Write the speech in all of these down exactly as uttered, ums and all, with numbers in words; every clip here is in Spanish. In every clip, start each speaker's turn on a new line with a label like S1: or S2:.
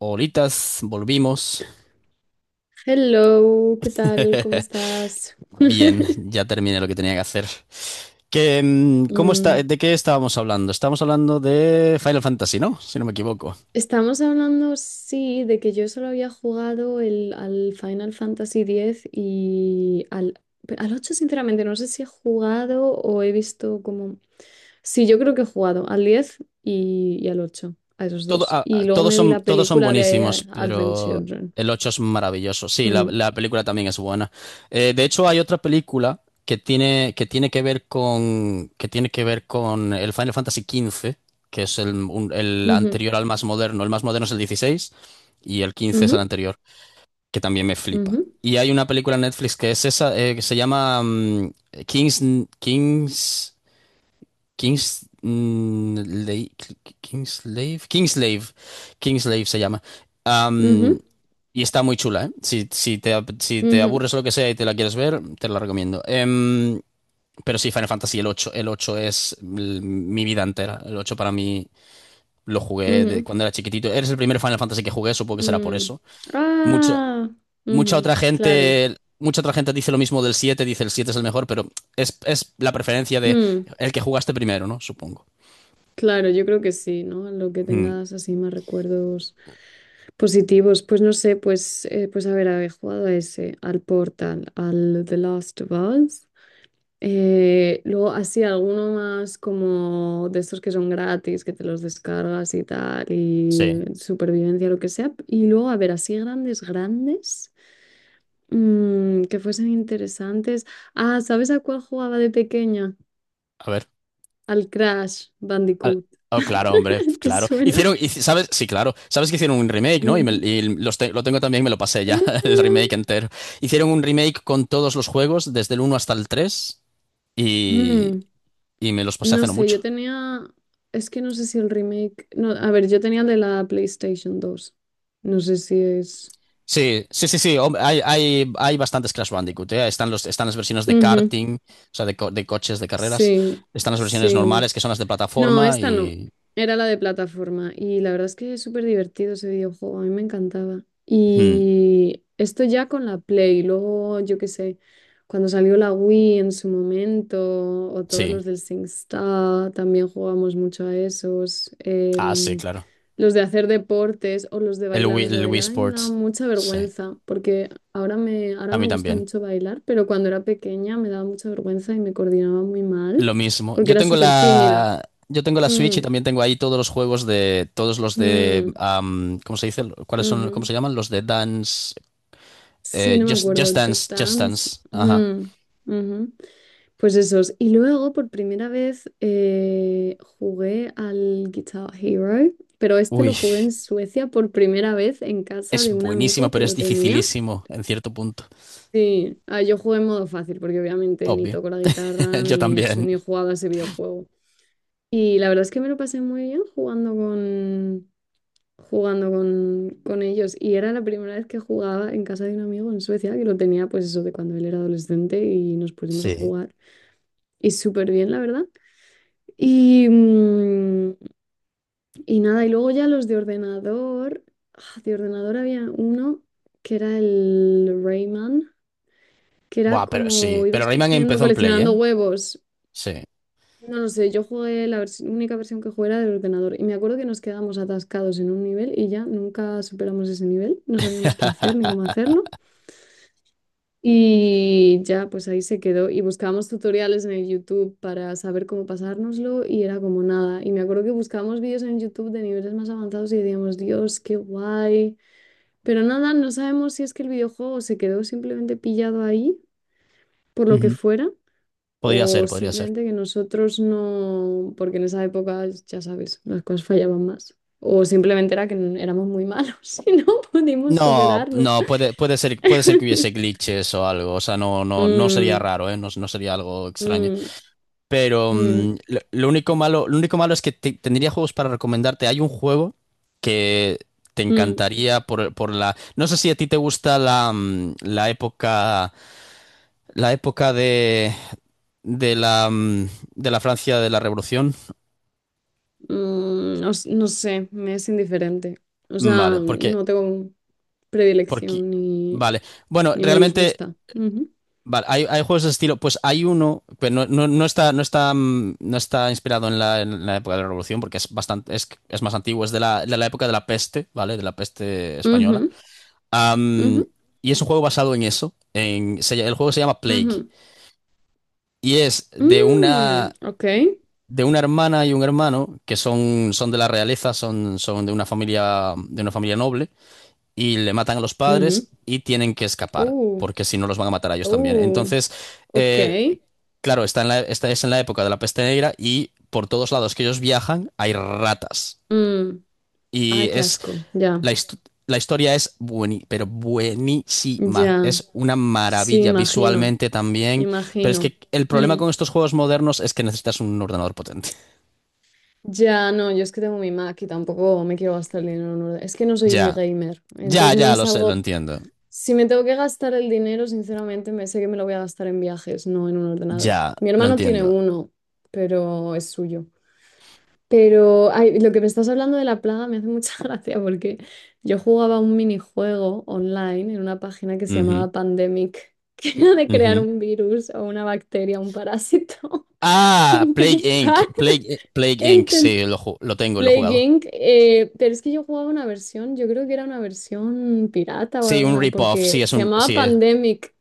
S1: Horitas, volvimos.
S2: Hello, ¿qué tal? ¿Cómo estás?
S1: Bien, ya terminé lo que tenía que hacer. Que, mm, ¿cómo está,
S2: Mm,
S1: de qué estábamos hablando? Estábamos hablando de Final Fantasy, ¿no? Si no me equivoco.
S2: Estamos hablando, sí, de que yo solo había jugado el, al Final Fantasy diez y al, al ocho. Sinceramente, no sé si he jugado o he visto como... Sí, yo creo que he jugado al diez y, y al ocho, a esos
S1: Todo,
S2: dos.
S1: ah,
S2: Y
S1: ah,
S2: luego
S1: todos
S2: me vi
S1: son,
S2: la
S1: todos son
S2: película de eh,
S1: buenísimos,
S2: Advent
S1: pero
S2: Children.
S1: el ocho es maravilloso. Sí, la,
S2: Mm,
S1: la película también es buena. Eh, de hecho, hay otra película que tiene, que tiene que ver con, que tiene que ver con el Final Fantasy quince, que es el, un- el
S2: ujú,
S1: anterior al más moderno. El más moderno es el dieciséis y el quince es el
S2: ujú,
S1: anterior, que también me flipa.
S2: ujú,
S1: Y hay una película en Netflix que es esa, eh, que se llama mm, Kings, Kings, Kings, mm, Lei- Kingslave, Kingslave, Kingslave se llama. Am,
S2: ujú,
S1: y está muy chula, ¿eh? Si, si te, si te
S2: ujú,
S1: aburres o lo que sea y te la quieres ver, te la recomiendo. Em, pero sí, Final Fantasy, el ocho el ocho es l- mi vida entera. El ocho para mí lo jugué de
S2: ujú,
S1: cuando era chiquitito. Eres el primer Final Fantasy que jugué, supongo que será por
S2: mm.
S1: eso. Mucha,
S2: Ah,
S1: mucha
S2: ujú,
S1: otra
S2: claro.
S1: gente, mucha otra gente dice lo mismo del siete, dice el siete es el mejor, pero es, es la preferencia de
S2: Mm,
S1: el que jugaste primero, ¿no? Supongo.
S2: claro, yo creo que sí, ¿no? Lo que
S1: Hmm.
S2: tengas así más recuerdos positivos. Pues no sé, pues, eh, pues a ver, he jugado a ese, al Portal, al The Last of Us. Eh, luego así alguno más como de estos que son gratis, que te los descargas y tal,
S1: Sí,
S2: y supervivencia, lo que sea. Y luego, a ver, así grandes, grandes, mm, que fuesen interesantes. Ah, ¿sabes a cuál jugaba de pequeña?
S1: a ver.
S2: Al Crash
S1: Al-
S2: Bandicoot.
S1: Oh, claro, hombre,
S2: ¿Te
S1: claro. Hicieron,
S2: suena?
S1: hici- ¿sabes? Sí, claro. Sabes que hicieron un remake, ¿no? Y, me-
S2: Ujú.
S1: y los te- lo tengo también, me lo pasé ya, el remake
S2: Eh,
S1: entero. Hicieron un remake con todos los juegos, desde el uno hasta el tres y,
S2: mm,
S1: y me los pasé hace
S2: no
S1: no
S2: sé, yo
S1: mucho.
S2: tenía. Es que no sé si el remake. No, a ver, yo tenía el de la PlayStation dos. No sé si es.
S1: Sí, sí, sí, sí. hom- Hay, hay, hay bastantes Crash Bandicoot, ¿eh? Están los, están las versiones de
S2: Ujú.
S1: karting, o sea, de, co- de coches, de carreras.
S2: Sí,
S1: Están las versiones
S2: sí.
S1: normales, que son las de
S2: No,
S1: plataforma,
S2: esta no.
S1: y.
S2: Era la de plataforma. Y la verdad es que es súper divertido ese videojuego. A mí me encantaba.
S1: Hmm,
S2: Y esto ya con la Play. Luego, yo qué sé, cuando salió la Wii en su momento, o todos
S1: sí.
S2: los del SingStar, también jugamos mucho a esos.
S1: Ah, sí,
S2: Em,
S1: claro.
S2: los de hacer deportes o los de
S1: El
S2: bailar.
S1: Wii,
S2: Los de
S1: el Wii
S2: bailar a mí me daba
S1: Sports.
S2: mucha
S1: Sí.
S2: vergüenza, porque ahora me, ahora
S1: A
S2: me
S1: mí
S2: gusta
S1: también.
S2: mucho bailar, pero cuando era pequeña me daba mucha vergüenza y me coordinaba muy mal,
S1: Lo mismo.
S2: porque
S1: Yo
S2: era
S1: tengo
S2: súper tímida.
S1: la. Yo tengo la Switch
S2: Mm,
S1: y también tengo ahí todos los juegos de. Todos los de.
S2: mm,
S1: Am, ¿cómo se dice? ¿Cuáles son? ¿Cómo
S2: ujú.
S1: se llaman? Los de Dance.
S2: Sí,
S1: eh,
S2: no me
S1: Just,
S2: acuerdo.
S1: Just Dance.
S2: Just
S1: Just
S2: Dance.
S1: Dance. Ajá.
S2: Mm, ujú. Pues esos. Y luego, por primera vez, eh, jugué al Guitar Hero, pero este
S1: Uy.
S2: lo jugué en Suecia por primera vez en casa
S1: Es
S2: de un
S1: buenísimo,
S2: amigo que
S1: pero es
S2: lo tenía.
S1: dificilísimo en cierto punto.
S2: Sí, ah, yo jugué en modo fácil porque obviamente ni
S1: Obvio.
S2: toco la guitarra,
S1: Yo
S2: ni he hecho,
S1: también.
S2: ni he jugado a ese videojuego. Y la verdad es que me lo pasé muy bien jugando, jugando con, con ellos. Y era la primera vez que jugaba en casa de un amigo en Suecia, que lo tenía pues eso, de cuando él era adolescente, y nos pusimos a
S1: Sí.
S2: jugar. Y súper bien, la verdad. Y, mm, y nada, y luego ya los de ordenador. Ah, de ordenador había uno que era el Rayman, que era
S1: Buah, pero
S2: como
S1: sí. Pero
S2: ibas
S1: Rayman
S2: cogiendo,
S1: empezó en Play,
S2: coleccionando
S1: ¿eh?
S2: huevos.
S1: Sí.
S2: No lo sé, yo jugué la vers- única versión que jugué era del ordenador y me acuerdo que nos quedábamos atascados en un nivel y ya nunca superamos ese nivel, no sabíamos qué hacer ni cómo hacerlo y ya pues ahí se quedó. Y buscábamos tutoriales en el YouTube para saber cómo pasárnoslo y era como nada. Y me acuerdo que buscábamos vídeos en YouTube de niveles más avanzados y decíamos, Dios, qué guay. Pero nada, no sabemos si es que el videojuego se quedó simplemente pillado ahí, por lo que
S1: Ujú.
S2: fuera,
S1: Podría
S2: o
S1: ser, podría ser.
S2: simplemente que nosotros no, porque en esa época, ya sabes, las cosas fallaban más. O simplemente era que n- éramos muy malos y no pudimos
S1: No,
S2: superarlo.
S1: no, puede, puede ser, puede ser que hubiese glitches o algo. O sea, no, no, no sería
S2: Mm,
S1: raro, ¿eh? No, no sería algo extraño.
S2: mm,
S1: Pero
S2: mm,
S1: mm, lo, lo único malo, lo único malo es que te- tendría juegos para recomendarte. Hay un juego que te
S2: mm,
S1: encantaría por, por la. No sé si a ti te gusta la, mm, la época La época de, de la, mm, de la Francia de la Revolución.
S2: mm, no, s- no sé, me es indiferente. O sea,
S1: Mm, Vale, porque,
S2: no tengo
S1: porque,
S2: predilección ni,
S1: vale. Bueno,
S2: ni me
S1: realmente,
S2: disgusta. Ujú,
S1: vale, hay, hay juegos de estilo. Pues hay uno, pero no, no, no está, no está, mm, no está inspirado en la, en la, época de la Revolución, porque es bastante, es, es más antiguo, es de la, de la época de la peste, ¿vale? De la peste española.
S2: ujú, ujú,
S1: Am, y es un juego basado en eso. En, se ll- el juego se llama Plague.
S2: ujú.
S1: Y es de
S2: Mm,
S1: una,
S2: ok.
S1: de una hermana y un hermano que son, son de la realeza, son, son de una familia, de una familia noble, y le matan a los
S2: Ujú.
S1: padres y tienen que escapar,
S2: Uh,
S1: porque si no los van a matar a ellos también.
S2: uh,
S1: Entonces,
S2: ok.
S1: eh, claro, está en la, esta es en la época de la peste negra y por todos lados que ellos viajan hay ratas.
S2: Mm.
S1: Y
S2: Ay, qué
S1: es
S2: asco. Ya,
S1: la, hist- la historia es bueni- pero buenísima.
S2: ya.
S1: Es una
S2: Sí,
S1: maravilla
S2: imagino,
S1: visualmente también. Pero es
S2: imagino.
S1: que el problema
S2: Mm.
S1: con estos juegos modernos es que necesitas un ordenador potente.
S2: Ya, no, yo es que tengo mi Mac y tampoco me quiero gastar el dinero en un orde- Es que no soy
S1: Ya,
S2: gamer,
S1: ya,
S2: entonces no
S1: ya,
S2: es
S1: lo sé, lo
S2: algo...
S1: entiendo.
S2: Si me tengo que gastar el dinero, sinceramente, me sé que me lo voy a gastar en viajes, no en un ordenador.
S1: Ya,
S2: Mi
S1: lo
S2: hermano tiene
S1: entiendo.
S2: uno, pero es suyo. Pero ay, lo que me estás hablando de la plaga me hace mucha gracia, porque yo jugaba un minijuego online en una página que se
S1: Ujú,
S2: llamaba Pandemic, que era de crear
S1: ujú.
S2: un virus o una bacteria, un parásito,
S1: Ah, Plague inc.
S2: intentar,
S1: Plague, Plague inc.
S2: intentar
S1: Sí, lo, ju- lo tengo, y lo he
S2: Plague
S1: jugado.
S2: inc eh, Pero es que yo jugaba una versión, yo creo que era una versión pirata o
S1: Sí, un
S2: alguna,
S1: rip-off.
S2: porque
S1: Sí, es
S2: se
S1: un,
S2: llamaba
S1: sí, es,
S2: Pandemic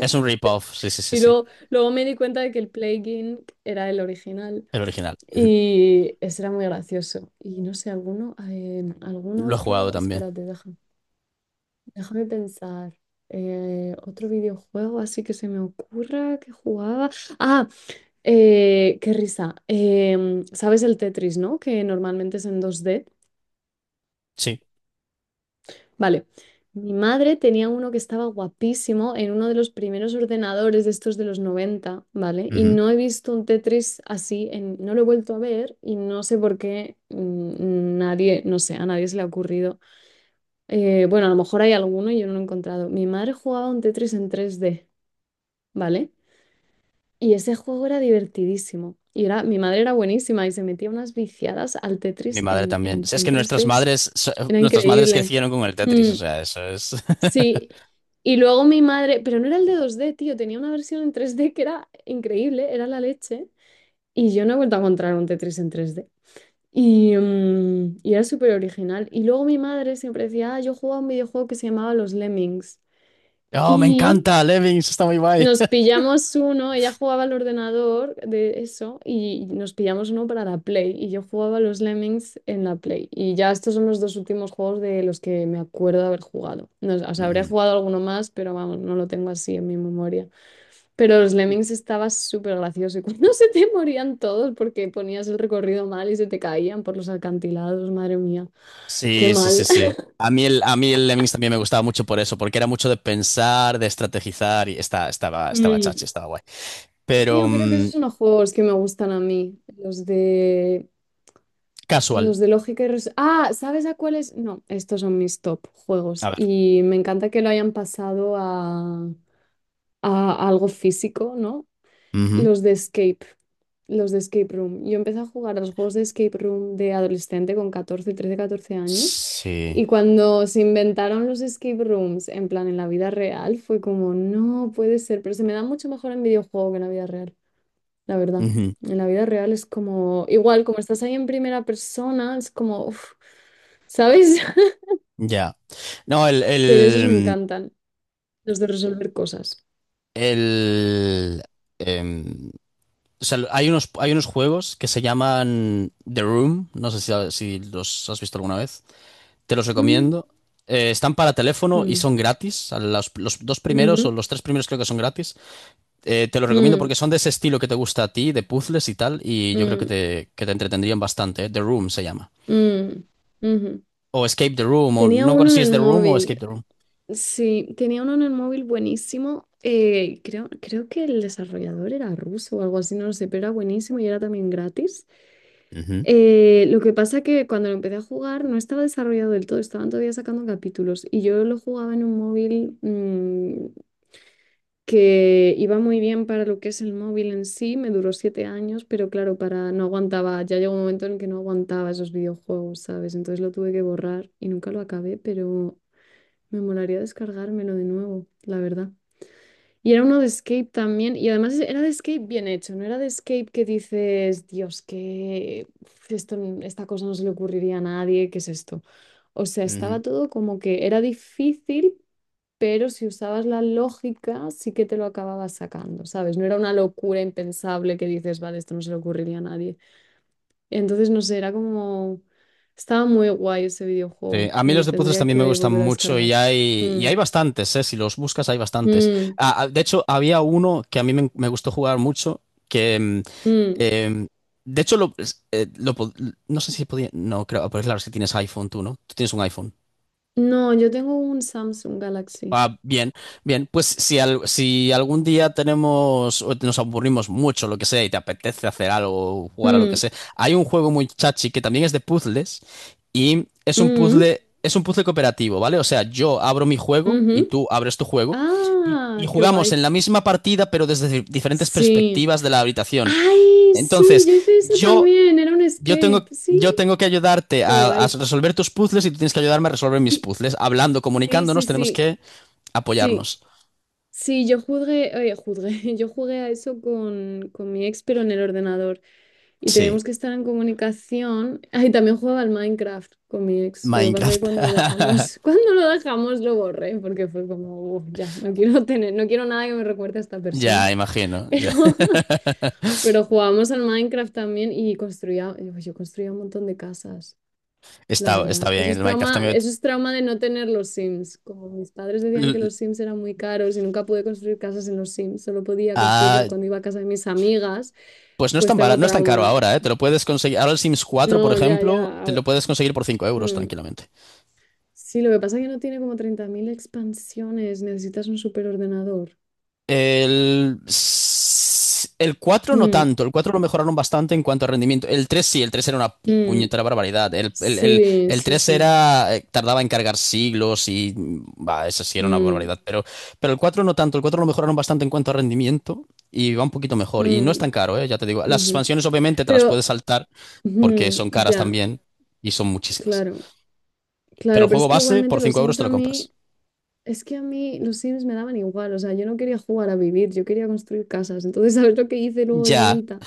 S1: es un rip-off. Sí, sí, sí,
S2: y
S1: sí.
S2: luego, luego me di cuenta de que el Plague inc era el original.
S1: El original.
S2: Y ese era muy gracioso. Y no sé, alguno, eh, algún
S1: Lo he jugado
S2: otro,
S1: también.
S2: espérate, deja- déjame pensar. Eh, otro videojuego así que se me ocurra que jugaba. Ah, eh, qué risa. Em, ¿sabes el Tetris, no? Que normalmente es en dos d.
S1: Sí.
S2: Vale. Mi madre tenía uno que estaba guapísimo en uno de los primeros ordenadores de estos de los noventa, ¿vale? Y
S1: Ujú.
S2: no he visto un Tetris así, en- no lo he vuelto a ver y no sé por qué mm, nadie, no sé, a nadie se le ha ocurrido. Eh, bueno, a lo mejor hay alguno y yo no lo he encontrado. Mi madre jugaba un Tetris en tres d, ¿vale? Y ese juego era divertidísimo. Y era, mi madre era buenísima y se metía unas viciadas al
S1: Mi
S2: Tetris
S1: madre
S2: en,
S1: también.
S2: en,
S1: Sí, es
S2: en
S1: que
S2: tres
S1: nuestras
S2: d.
S1: madres, so-
S2: Era
S1: nuestras madres
S2: increíble.
S1: crecieron con el Tetris. O sea, eso es.
S2: Sí, y luego mi madre, pero no era el de dos d, tío, tenía una versión en tres d que era increíble, era la leche, y yo no he vuelto a encontrar un Tetris en tres d. Y, mm, y era súper original. Y luego mi madre siempre decía, ah, yo jugaba a un videojuego que se llamaba Los Lemmings.
S1: Oh, me
S2: Y
S1: encanta, Lemmings, está muy guay.
S2: nos pillamos uno, ella jugaba al ordenador de eso y nos pillamos uno para la Play, y yo jugaba a los Lemmings en la Play y ya, estos son los dos últimos juegos de los que me acuerdo de haber jugado. No, o sea, habré
S1: Ujú.
S2: jugado alguno más, pero vamos, no lo tengo así en mi memoria. Pero los Lemmings estaba súper gracioso, y cuando se te morían todos porque ponías el recorrido mal y se te caían por los alcantilados, madre mía, qué
S1: Sí, sí, sí,
S2: mal.
S1: sí. A mí el, a mí el Lemmings también me gustaba mucho por eso, porque era mucho de pensar, de estrategizar y está, estaba, estaba
S2: Mm,
S1: chachi, estaba guay.
S2: Es que
S1: Pero
S2: yo creo que
S1: mm,
S2: esos son los juegos que me gustan a mí, los de
S1: casual,
S2: los de lógica y res- Ah, ¿sabes a cuáles? No, estos son mis top
S1: a
S2: juegos.
S1: ver.
S2: Y me encanta que lo hayan pasado a, a, algo físico, ¿no?
S1: Ujú.
S2: Los de Escape, los de Escape Room. Yo empecé a jugar a los juegos de Escape Room de adolescente con catorce, trece, catorce años.
S1: Sí.
S2: Y cuando se inventaron los escape rooms, en plan en la vida real, fue como, no puede ser, pero se me da mucho mejor en videojuego que en la vida, la verdad.
S1: Ujú.
S2: En la vida real es como, igual, como estás ahí en primera persona, es como, uf, ¿sabes?
S1: Ya. No, el,
S2: Pero esos me
S1: el,
S2: encantan, los de resolver cosas.
S1: el, em, o sea, hay unos, hay unos juegos que se llaman The Room, no sé si, si los has visto alguna vez, te los
S2: Mm,
S1: recomiendo. Eh, están para teléfono y
S2: mm,
S1: son gratis. Los, los dos primeros o
S2: ujú,
S1: los tres primeros creo que son gratis. Eh, te lo recomiendo porque
S2: mm,
S1: son de ese estilo que te gusta a ti, de puzzles y tal, y yo creo que
S2: mm,
S1: te, que te entretendrían bastante. ¿Eh? The Room se llama.
S2: mm, ujú.
S1: O Escape the Room, o no
S2: Tenía
S1: me acuerdo
S2: uno en
S1: si es
S2: el
S1: The Room o Escape
S2: móvil,
S1: the Room.
S2: sí, tenía uno en el móvil buenísimo. eh, creo, creo que el desarrollador era ruso o algo así, no lo sé, pero era buenísimo y era también gratis.
S1: Ujú,
S2: Eh, lo que pasa que cuando lo empecé a jugar no estaba desarrollado del todo, estaban todavía sacando capítulos y yo lo jugaba en un móvil mm, que iba muy bien para lo que es el móvil en sí, me duró siete años, pero claro, para no aguantaba, ya llegó un momento en el que no aguantaba esos videojuegos, ¿sabes? Entonces lo tuve que borrar y nunca lo acabé, pero me molaría descargármelo de nuevo, la verdad. Y era uno de Escape también, y además era de Escape bien hecho, no era de Escape que dices, Dios, que uf, esto, n- esta cosa no se le ocurriría a nadie, ¿qué es esto? O sea,
S1: ujú.
S2: estaba todo como que era difícil, pero si usabas la lógica, sí que te lo acababas sacando, ¿sabes? No era una locura impensable que dices, vale, esto no se le ocurriría a nadie. Entonces, no sé, era como... Estaba muy guay ese
S1: Sí,
S2: videojuego,
S1: a mí
S2: me lo
S1: los de puzzles
S2: tendría
S1: también me
S2: que
S1: gustan
S2: volver a
S1: mucho y
S2: descargar.
S1: hay, y hay
S2: Mm,
S1: bastantes, ¿eh? Si los buscas hay bastantes.
S2: mm,
S1: Ah, ah, de hecho, había uno que a mí me, me gustó jugar mucho, que... mm,
S2: mm.
S1: em, de hecho, lo, es- eh, lo pod- no sé si podía. No, creo, pues claro, es que tienes iPhone tú, ¿no? Tú tienes un iPhone.
S2: No, yo tengo un Samsung Galaxy.
S1: Ah, bien, bien, pues si, al- si algún día tenemos o nos aburrimos mucho, lo que sea, y te apetece hacer algo, jugar a lo que
S2: Mm,
S1: sea, hay un juego muy chachi que también es de puzzles y es un
S2: mm,
S1: puzzle, es un puzzle cooperativo, ¿vale? O sea, yo abro mi juego y
S2: ujú.
S1: tú abres tu juego y, y
S2: Ah, qué
S1: jugamos
S2: guay.
S1: en la misma partida pero desde di- diferentes
S2: Sí.
S1: perspectivas de la habitación.
S2: Ay, sí,
S1: Entonces,
S2: yo hice eso
S1: yo
S2: también. Era un
S1: yo
S2: escape.
S1: tengo,
S2: Sí,
S1: yo tengo que ayudarte
S2: qué
S1: a, a
S2: guay.
S1: resolver tus puzzles y tú tienes que ayudarme a resolver mis puzzles. Hablando,
S2: Sí, sí,
S1: comunicándonos, tenemos
S2: sí.
S1: que
S2: Sí,
S1: apoyarnos.
S2: sí, sí, yo jugué, eh, jugué, yo jugué a eso con, con mi ex, pero en el ordenador. Y
S1: Sí,
S2: teníamos que estar en comunicación. Ah, y también jugaba al Minecraft con mi ex. Lo que pasa es que
S1: Minecraft.
S2: cuando lo dejamos, cuando lo dejamos lo borré, porque fue como, "Uf, ya, no quiero tener, no quiero nada que me recuerde a esta persona".
S1: Ya, imagino. Ya.
S2: Pero, pero jugábamos al Minecraft también y construía, yo yo construía un montón de casas, la
S1: Está, está
S2: verdad.
S1: bien,
S2: Eso
S1: el
S2: es
S1: Minecraft
S2: trauma,
S1: también.
S2: eso es trauma de no tener los Sims. Como mis padres decían que
S1: L-
S2: los Sims eran muy caros y nunca pude construir casas en los Sims, solo podía construirlas
S1: ah,
S2: cuando iba a casa de mis amigas.
S1: pues no es
S2: Pues
S1: tan bara-
S2: tengo
S1: no es tan caro
S2: trauma
S1: ahora, ¿eh? Te lo puedes conseguir. Ahora el Sims cuatro, por
S2: no, ya, ya.
S1: ejemplo, te
S2: a-
S1: lo puedes conseguir por cinco euros
S2: mm.
S1: tranquilamente.
S2: Sí, lo que pasa es que no tiene como treinta mil expansiones. Necesitas un superordenador.
S1: El, el cuatro no
S2: Mm,
S1: tanto, el cuatro lo mejoraron bastante en cuanto a rendimiento. El tres sí, el tres era una
S2: mm.
S1: puñetera barbaridad. El, el, el-
S2: Sí,
S1: el
S2: sí,
S1: tres
S2: sí.
S1: era, eh, tardaba en cargar siglos y mm, va, eso sí era una
S2: Mm,
S1: barbaridad. Pero, pero el cuatro no tanto, el cuatro lo mejoraron bastante en cuanto a rendimiento y va un poquito mejor. Y no es
S2: mm,
S1: tan caro, eh, ya te digo. Las
S2: ujú.
S1: expansiones obviamente te las
S2: Pero,
S1: puedes saltar porque
S2: ujú,
S1: son caras
S2: ya,
S1: también y son muchísimas.
S2: claro.
S1: Pero
S2: Claro,
S1: el
S2: pero es
S1: juego
S2: que
S1: base por
S2: igualmente los
S1: cinco euros
S2: Sims
S1: te
S2: a
S1: lo
S2: mí,
S1: compras.
S2: es que a mí los Sims me daban igual. O sea, yo no quería jugar a vivir, yo quería construir casas. Entonces, ¿sabes lo que hice luego de
S1: Ya,
S2: adulta?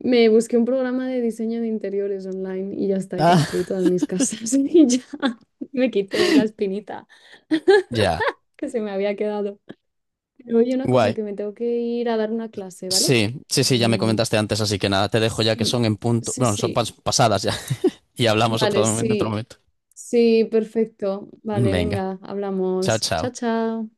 S2: Me busqué un programa de diseño de interiores online y ya está, he
S1: ah,
S2: construido todas mis casas y ya me quité la espinita
S1: ya,
S2: que se me había quedado. Pero oye, una cosa,
S1: guay.
S2: que me tengo que ir a dar una clase, ¿vale?
S1: Sí, sí, sí, ya me
S2: Em,
S1: comentaste antes, así que nada, te dejo ya que
S2: sí,
S1: son en punto,
S2: sí,
S1: bueno, son
S2: sí.
S1: pas- pasadas ya, y hablamos otro
S2: Vale,
S1: momento, en otro
S2: sí.
S1: momento.
S2: Sí, perfecto. Vale,
S1: Venga,
S2: venga,
S1: chao,
S2: hablamos. Chao,
S1: chao.
S2: chao.